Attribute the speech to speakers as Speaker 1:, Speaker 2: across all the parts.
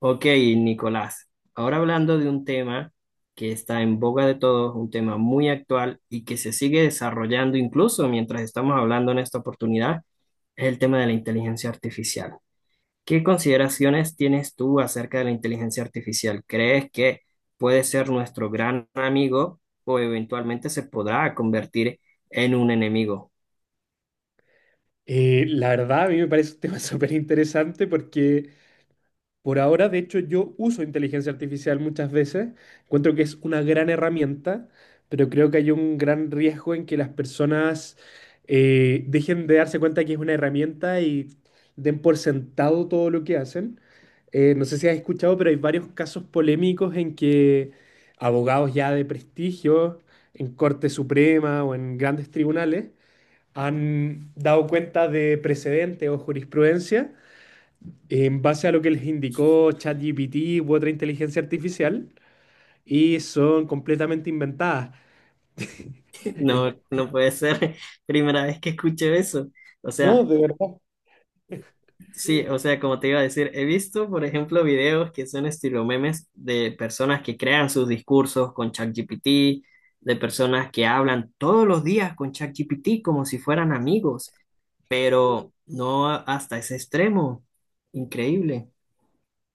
Speaker 1: Ok, Nicolás, ahora hablando de un tema que está en boga de todos, un tema muy actual y que se sigue desarrollando incluso mientras estamos hablando en esta oportunidad, es el tema de la inteligencia artificial. ¿Qué consideraciones tienes tú acerca de la inteligencia artificial? ¿Crees que puede ser nuestro gran amigo o eventualmente se podrá convertir en un enemigo?
Speaker 2: La verdad, a mí me parece un tema súper interesante porque por ahora, de hecho, yo uso inteligencia artificial muchas veces. Encuentro que es una gran herramienta, pero creo que hay un gran riesgo en que las personas dejen de darse cuenta que es una herramienta y den por sentado todo lo que hacen. No sé si has escuchado, pero hay varios casos polémicos en que abogados ya de prestigio en Corte Suprema o en grandes tribunales han dado cuenta de precedentes o jurisprudencia en base a lo que les indicó ChatGPT u otra inteligencia artificial y son completamente inventadas. Eh,
Speaker 1: No, no puede ser, primera vez que escucho eso. O
Speaker 2: No,
Speaker 1: sea,
Speaker 2: de verdad.
Speaker 1: sí, o sea, como te iba a decir, he visto, por ejemplo, videos que son estilo memes de personas que crean sus discursos con ChatGPT, de personas que hablan todos los días con ChatGPT como si fueran amigos, pero no hasta ese extremo. Increíble.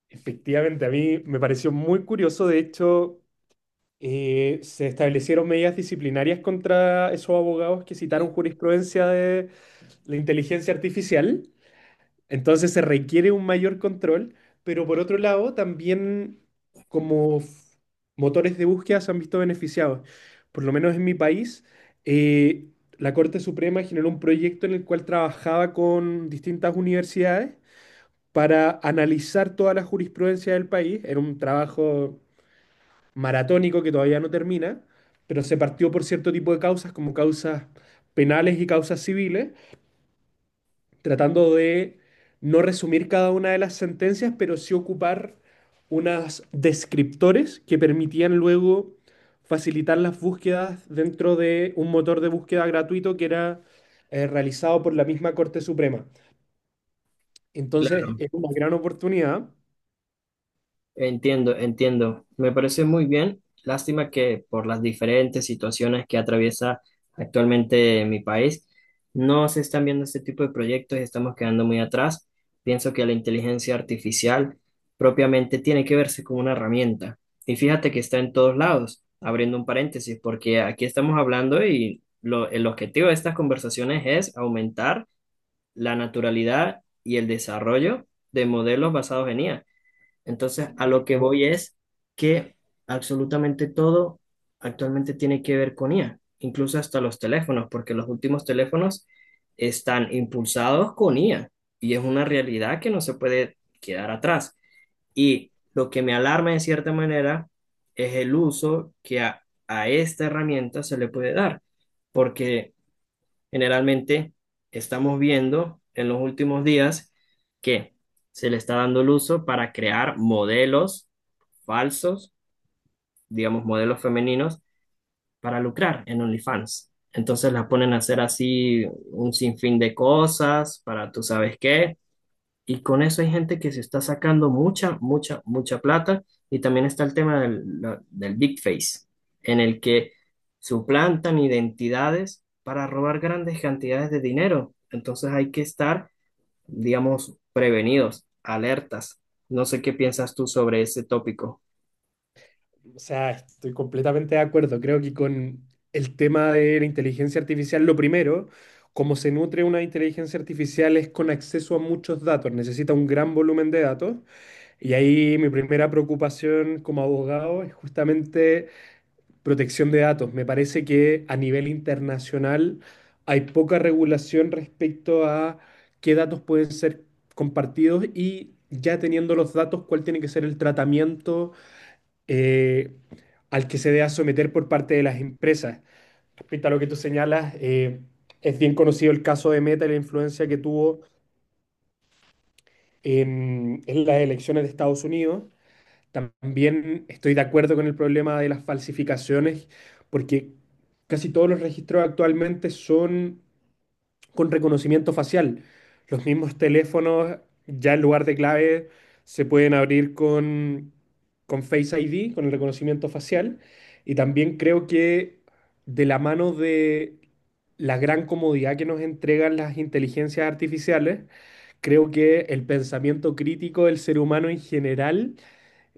Speaker 2: Efectivamente, a mí me pareció muy curioso. De hecho, se establecieron medidas disciplinarias contra esos abogados que citaron jurisprudencia de la inteligencia artificial. Entonces se requiere un mayor control, pero por otro lado también como f- motores de búsqueda se han visto beneficiados. Por lo menos en mi país, eh, la Corte Suprema generó un proyecto en el cual trabajaba con distintas universidades para analizar toda la jurisprudencia del país. Era un trabajo maratónico que todavía no termina, pero se partió por cierto tipo de causas como causas penales y causas civiles tratando de no resumir cada una de las sentencias, pero sí ocupar unas descriptores que permitían luego facilitar las búsquedas dentro de un motor de búsqueda gratuito que era realizado por la misma Corte Suprema. Entonces,
Speaker 1: Claro.
Speaker 2: es una gran oportunidad.
Speaker 1: Entiendo, entiendo. Me parece muy bien. Lástima que por las diferentes situaciones que atraviesa actualmente mi país, no se están viendo este tipo de proyectos y estamos quedando muy atrás. Pienso que la inteligencia artificial propiamente tiene que verse como una herramienta. Y fíjate que está en todos lados, abriendo un paréntesis, porque aquí estamos hablando y el objetivo de estas conversaciones es aumentar la naturalidad y el desarrollo de modelos basados en IA. Entonces, a lo que voy es que absolutamente todo actualmente tiene que ver con IA, incluso hasta los teléfonos, porque los últimos teléfonos están impulsados con IA y es una realidad que no se puede quedar atrás. Y lo que me alarma en cierta manera es el uso que a esta herramienta se le puede dar, porque generalmente estamos viendo en los últimos días que se le está dando el uso para crear modelos falsos, digamos modelos femeninos, para lucrar en OnlyFans. Entonces las ponen a hacer así un sinfín de cosas para tú sabes qué y con eso hay gente que se está sacando mucha, mucha, mucha plata. Y también está el tema del Big Face, en el que suplantan identidades para robar grandes cantidades de dinero. Entonces hay que estar, digamos, prevenidos, alertas. No sé qué piensas tú sobre ese tópico.
Speaker 2: O sea, estoy completamente de acuerdo. Creo que con el tema de la inteligencia artificial, lo primero, como se nutre una inteligencia artificial es con acceso a muchos datos, necesita un gran volumen de datos. Y ahí mi primera preocupación como abogado es justamente protección de datos. Me parece que a nivel internacional hay poca regulación respecto a qué datos pueden ser compartidos y ya teniendo los datos, cuál tiene que ser el tratamiento eh, al que se deba someter por parte de las empresas. Respecto a lo que tú señalas, es bien conocido el caso de Meta y la influencia que tuvo en las elecciones de Estados Unidos. También estoy de acuerdo con el problema de las falsificaciones, porque casi todos los registros actualmente son con reconocimiento facial. Los mismos teléfonos, ya en lugar de clave, se pueden abrir con, Face ID, con el reconocimiento facial. Y también creo que de la mano de la gran comodidad que nos entregan las inteligencias artificiales, creo que el pensamiento crítico del ser humano en general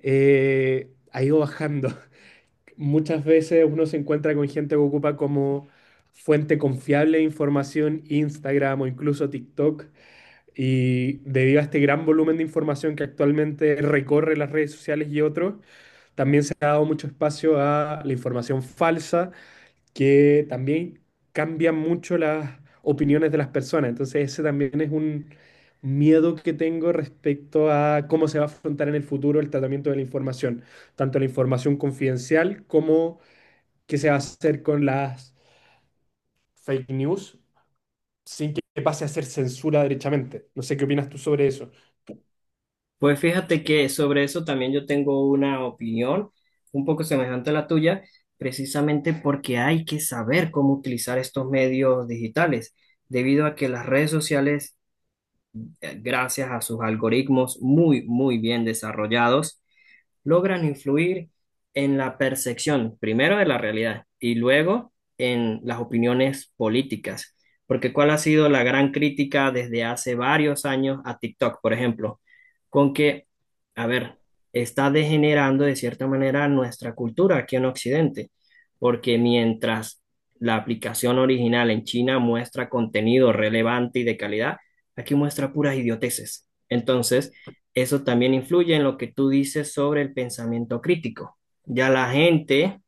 Speaker 2: ha ido bajando. Muchas veces uno se encuentra con gente que ocupa como fuente confiable de información Instagram o incluso TikTok. Y debido a este gran volumen de información que actualmente recorre las redes sociales y otros, también se ha dado mucho espacio a la información falsa que también cambian mucho las opiniones de las personas. Entonces ese también es un miedo que tengo respecto a cómo se va a afrontar en el futuro el tratamiento de la información, tanto la información confidencial como qué se va a hacer con las fake news sin que pase a ser censura derechamente. No sé qué opinas tú sobre eso.
Speaker 1: Pues fíjate que sobre eso también yo tengo una opinión un poco semejante a la tuya, precisamente porque hay que saber cómo utilizar estos medios digitales, debido a que las redes sociales, gracias a sus algoritmos muy, muy bien desarrollados, logran influir en la percepción, primero de la realidad y luego en las opiniones políticas. Porque ¿cuál ha sido la gran crítica desde hace varios años a TikTok, por ejemplo? Con que, a ver, está degenerando de cierta manera nuestra cultura aquí en Occidente, porque mientras la aplicación original en China muestra contenido relevante y de calidad, aquí muestra puras idioteces. Entonces, eso también influye en lo que tú dices sobre el pensamiento crítico. Ya la gente,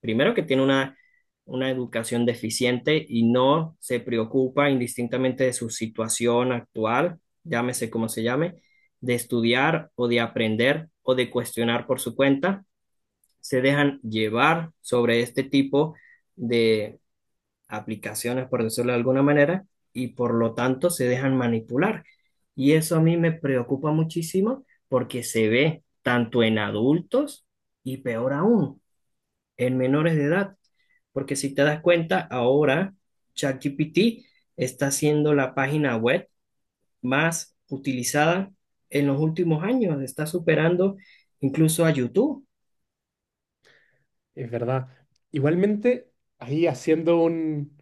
Speaker 1: primero que tiene una educación deficiente y no se preocupa indistintamente de su situación actual, llámese como se llame, de estudiar o de aprender o de cuestionar por su cuenta, se dejan llevar sobre este tipo aplicaciones, por decirlo de alguna manera, y por lo tanto se dejan manipular. Y eso a mí me preocupa muchísimo porque se ve tanto en adultos y peor aún, en menores de edad. Porque si te das cuenta, ahora ChatGPT está siendo la página web más utilizada en los últimos años, está superando incluso a YouTube.
Speaker 2: Es verdad. Igualmente, ahí haciendo un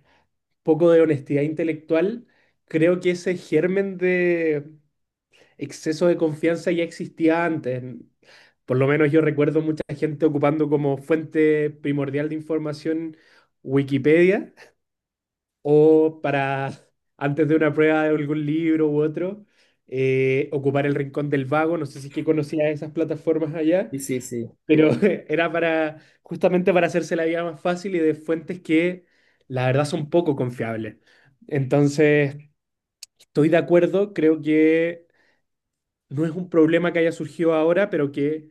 Speaker 2: poco de honestidad intelectual, creo que ese germen de exceso de confianza ya existía antes. Por lo menos yo recuerdo mucha gente ocupando como fuente primordial de información Wikipedia o para antes de una prueba de algún libro u otro, ocupar el Rincón del Vago. No sé si es que conocía esas plataformas allá,
Speaker 1: Sí, sí, sí.
Speaker 2: pero era para justamente para hacerse la vida más fácil y de fuentes que la verdad son poco confiables. Entonces, estoy de acuerdo, creo que no es un problema que haya surgido ahora, pero que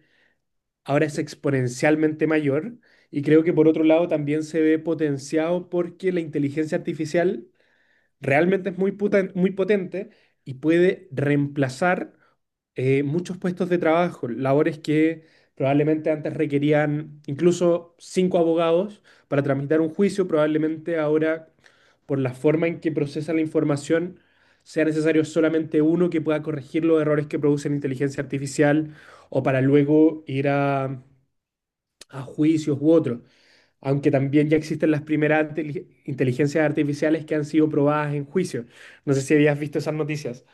Speaker 2: ahora es exponencialmente mayor. Y creo que por otro lado también se ve potenciado porque la inteligencia artificial realmente es muy muy potente y puede reemplazar muchos puestos de trabajo, labores que probablemente antes requerían incluso cinco abogados para tramitar un juicio, probablemente ahora por la forma en que procesa la información sea necesario solamente uno que pueda corregir los errores que produce la inteligencia artificial o para luego ir a, juicios u otros aunque también ya existen las primeras inteligencias artificiales que han sido probadas en juicio. No sé si habías visto esas noticias.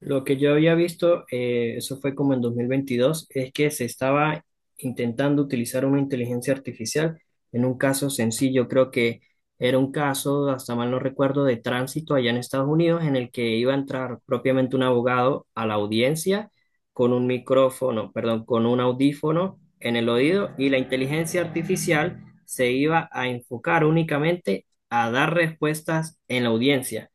Speaker 1: Lo que yo había visto, eso fue como en 2022, es que se estaba intentando utilizar una inteligencia artificial en un caso sencillo. Creo que era un caso, hasta mal no recuerdo, de tránsito allá en Estados Unidos en el que iba a entrar propiamente un abogado a la audiencia con un micrófono, perdón, con un audífono en el oído y la inteligencia artificial se iba a enfocar únicamente a dar respuestas en la audiencia,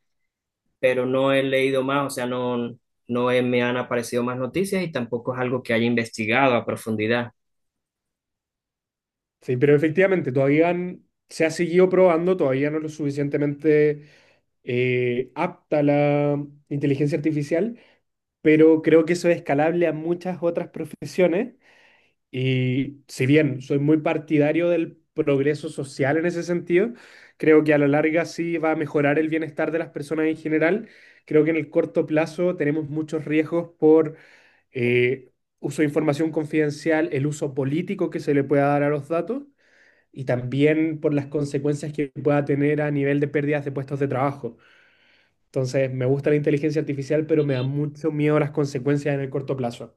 Speaker 1: pero no he leído más, o sea, no, me han aparecido más noticias y tampoco es algo que haya investigado a profundidad.
Speaker 2: Sí, pero efectivamente, todavía se ha seguido probando, todavía no es lo suficientemente apta la inteligencia artificial, pero creo que eso es escalable a muchas otras profesiones. Y si bien soy muy partidario del progreso social en ese sentido, creo que a la larga sí va a mejorar el bienestar de las personas en general. Creo que en el corto plazo tenemos muchos riesgos por eh, uso de información confidencial, el uso político que se le pueda dar a los datos y también por las consecuencias que pueda tener a nivel de pérdidas de puestos de trabajo. Entonces, me gusta la inteligencia artificial, pero me da mucho miedo las consecuencias en el corto plazo.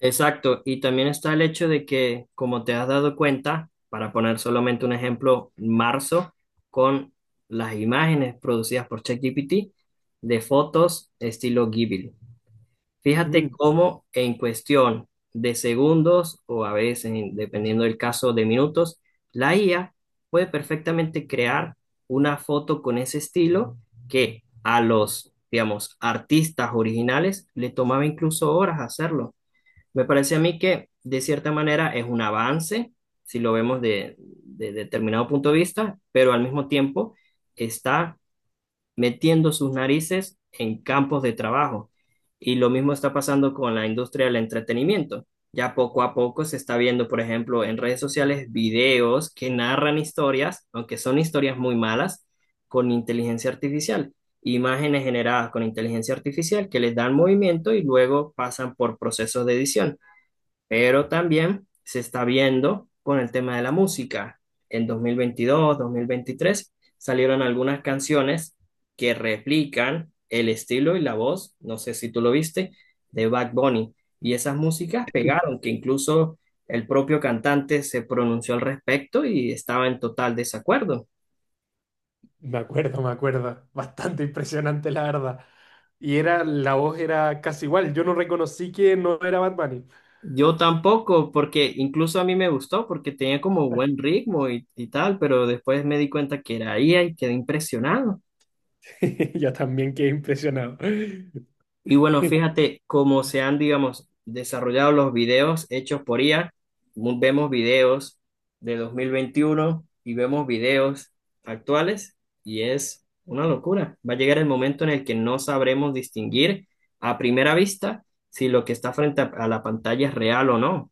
Speaker 1: Exacto, y también está el hecho de que, como te has dado cuenta, para poner solamente un ejemplo, marzo, con las imágenes producidas por ChatGPT de fotos estilo Ghibli. Fíjate cómo en cuestión de segundos o a veces, dependiendo del caso, de minutos, la IA puede perfectamente crear una foto con ese estilo que a los, digamos, artistas originales le tomaba incluso horas hacerlo. Me parece a mí que de cierta manera es un avance, si lo vemos de determinado punto de vista, pero al mismo tiempo está metiendo sus narices en campos de trabajo. Y lo mismo está pasando con la industria del entretenimiento. Ya poco a poco se está viendo, por ejemplo, en redes sociales videos que narran historias, aunque son historias muy malas, con inteligencia artificial. Imágenes generadas con inteligencia artificial que les dan movimiento y luego pasan por procesos de edición, pero también se está viendo con el tema de la música. En 2022, 2023 salieron algunas canciones que replican el estilo y la voz, no sé si tú lo viste, de Bad Bunny. Y esas músicas pegaron, que incluso el propio cantante se pronunció al respecto y estaba en total desacuerdo.
Speaker 2: Me acuerdo, me acuerdo. Bastante impresionante, la verdad. Y era, la voz era casi igual. Yo no reconocí que no era Bad Bunny.
Speaker 1: Yo tampoco, porque incluso a mí me gustó, porque tenía como buen ritmo y tal, pero después me di cuenta que era IA y quedé impresionado.
Speaker 2: Yo también quedé impresionado.
Speaker 1: Y bueno, fíjate cómo se han, digamos, desarrollado los videos hechos por IA. Vemos videos de 2021 y vemos videos actuales y es una locura. Va a llegar el momento en el que no sabremos distinguir a primera vista si lo que está frente a la pantalla es real o no.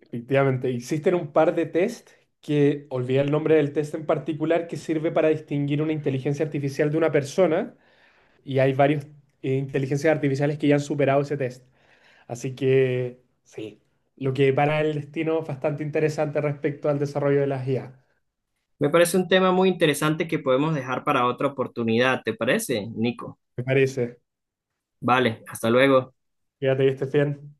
Speaker 2: Efectivamente, existen un par de test que, olvidé el nombre del test en particular, que sirve para distinguir una inteligencia artificial de una persona. Y hay varios inteligencias artificiales que ya han superado ese test. Así que, sí, lo que para el destino es bastante interesante respecto al desarrollo de las IA,
Speaker 1: Me parece un tema muy interesante que podemos dejar para otra oportunidad, ¿te parece, Nico?
Speaker 2: me parece.
Speaker 1: Vale, hasta luego.
Speaker 2: Fíjate, viste 100.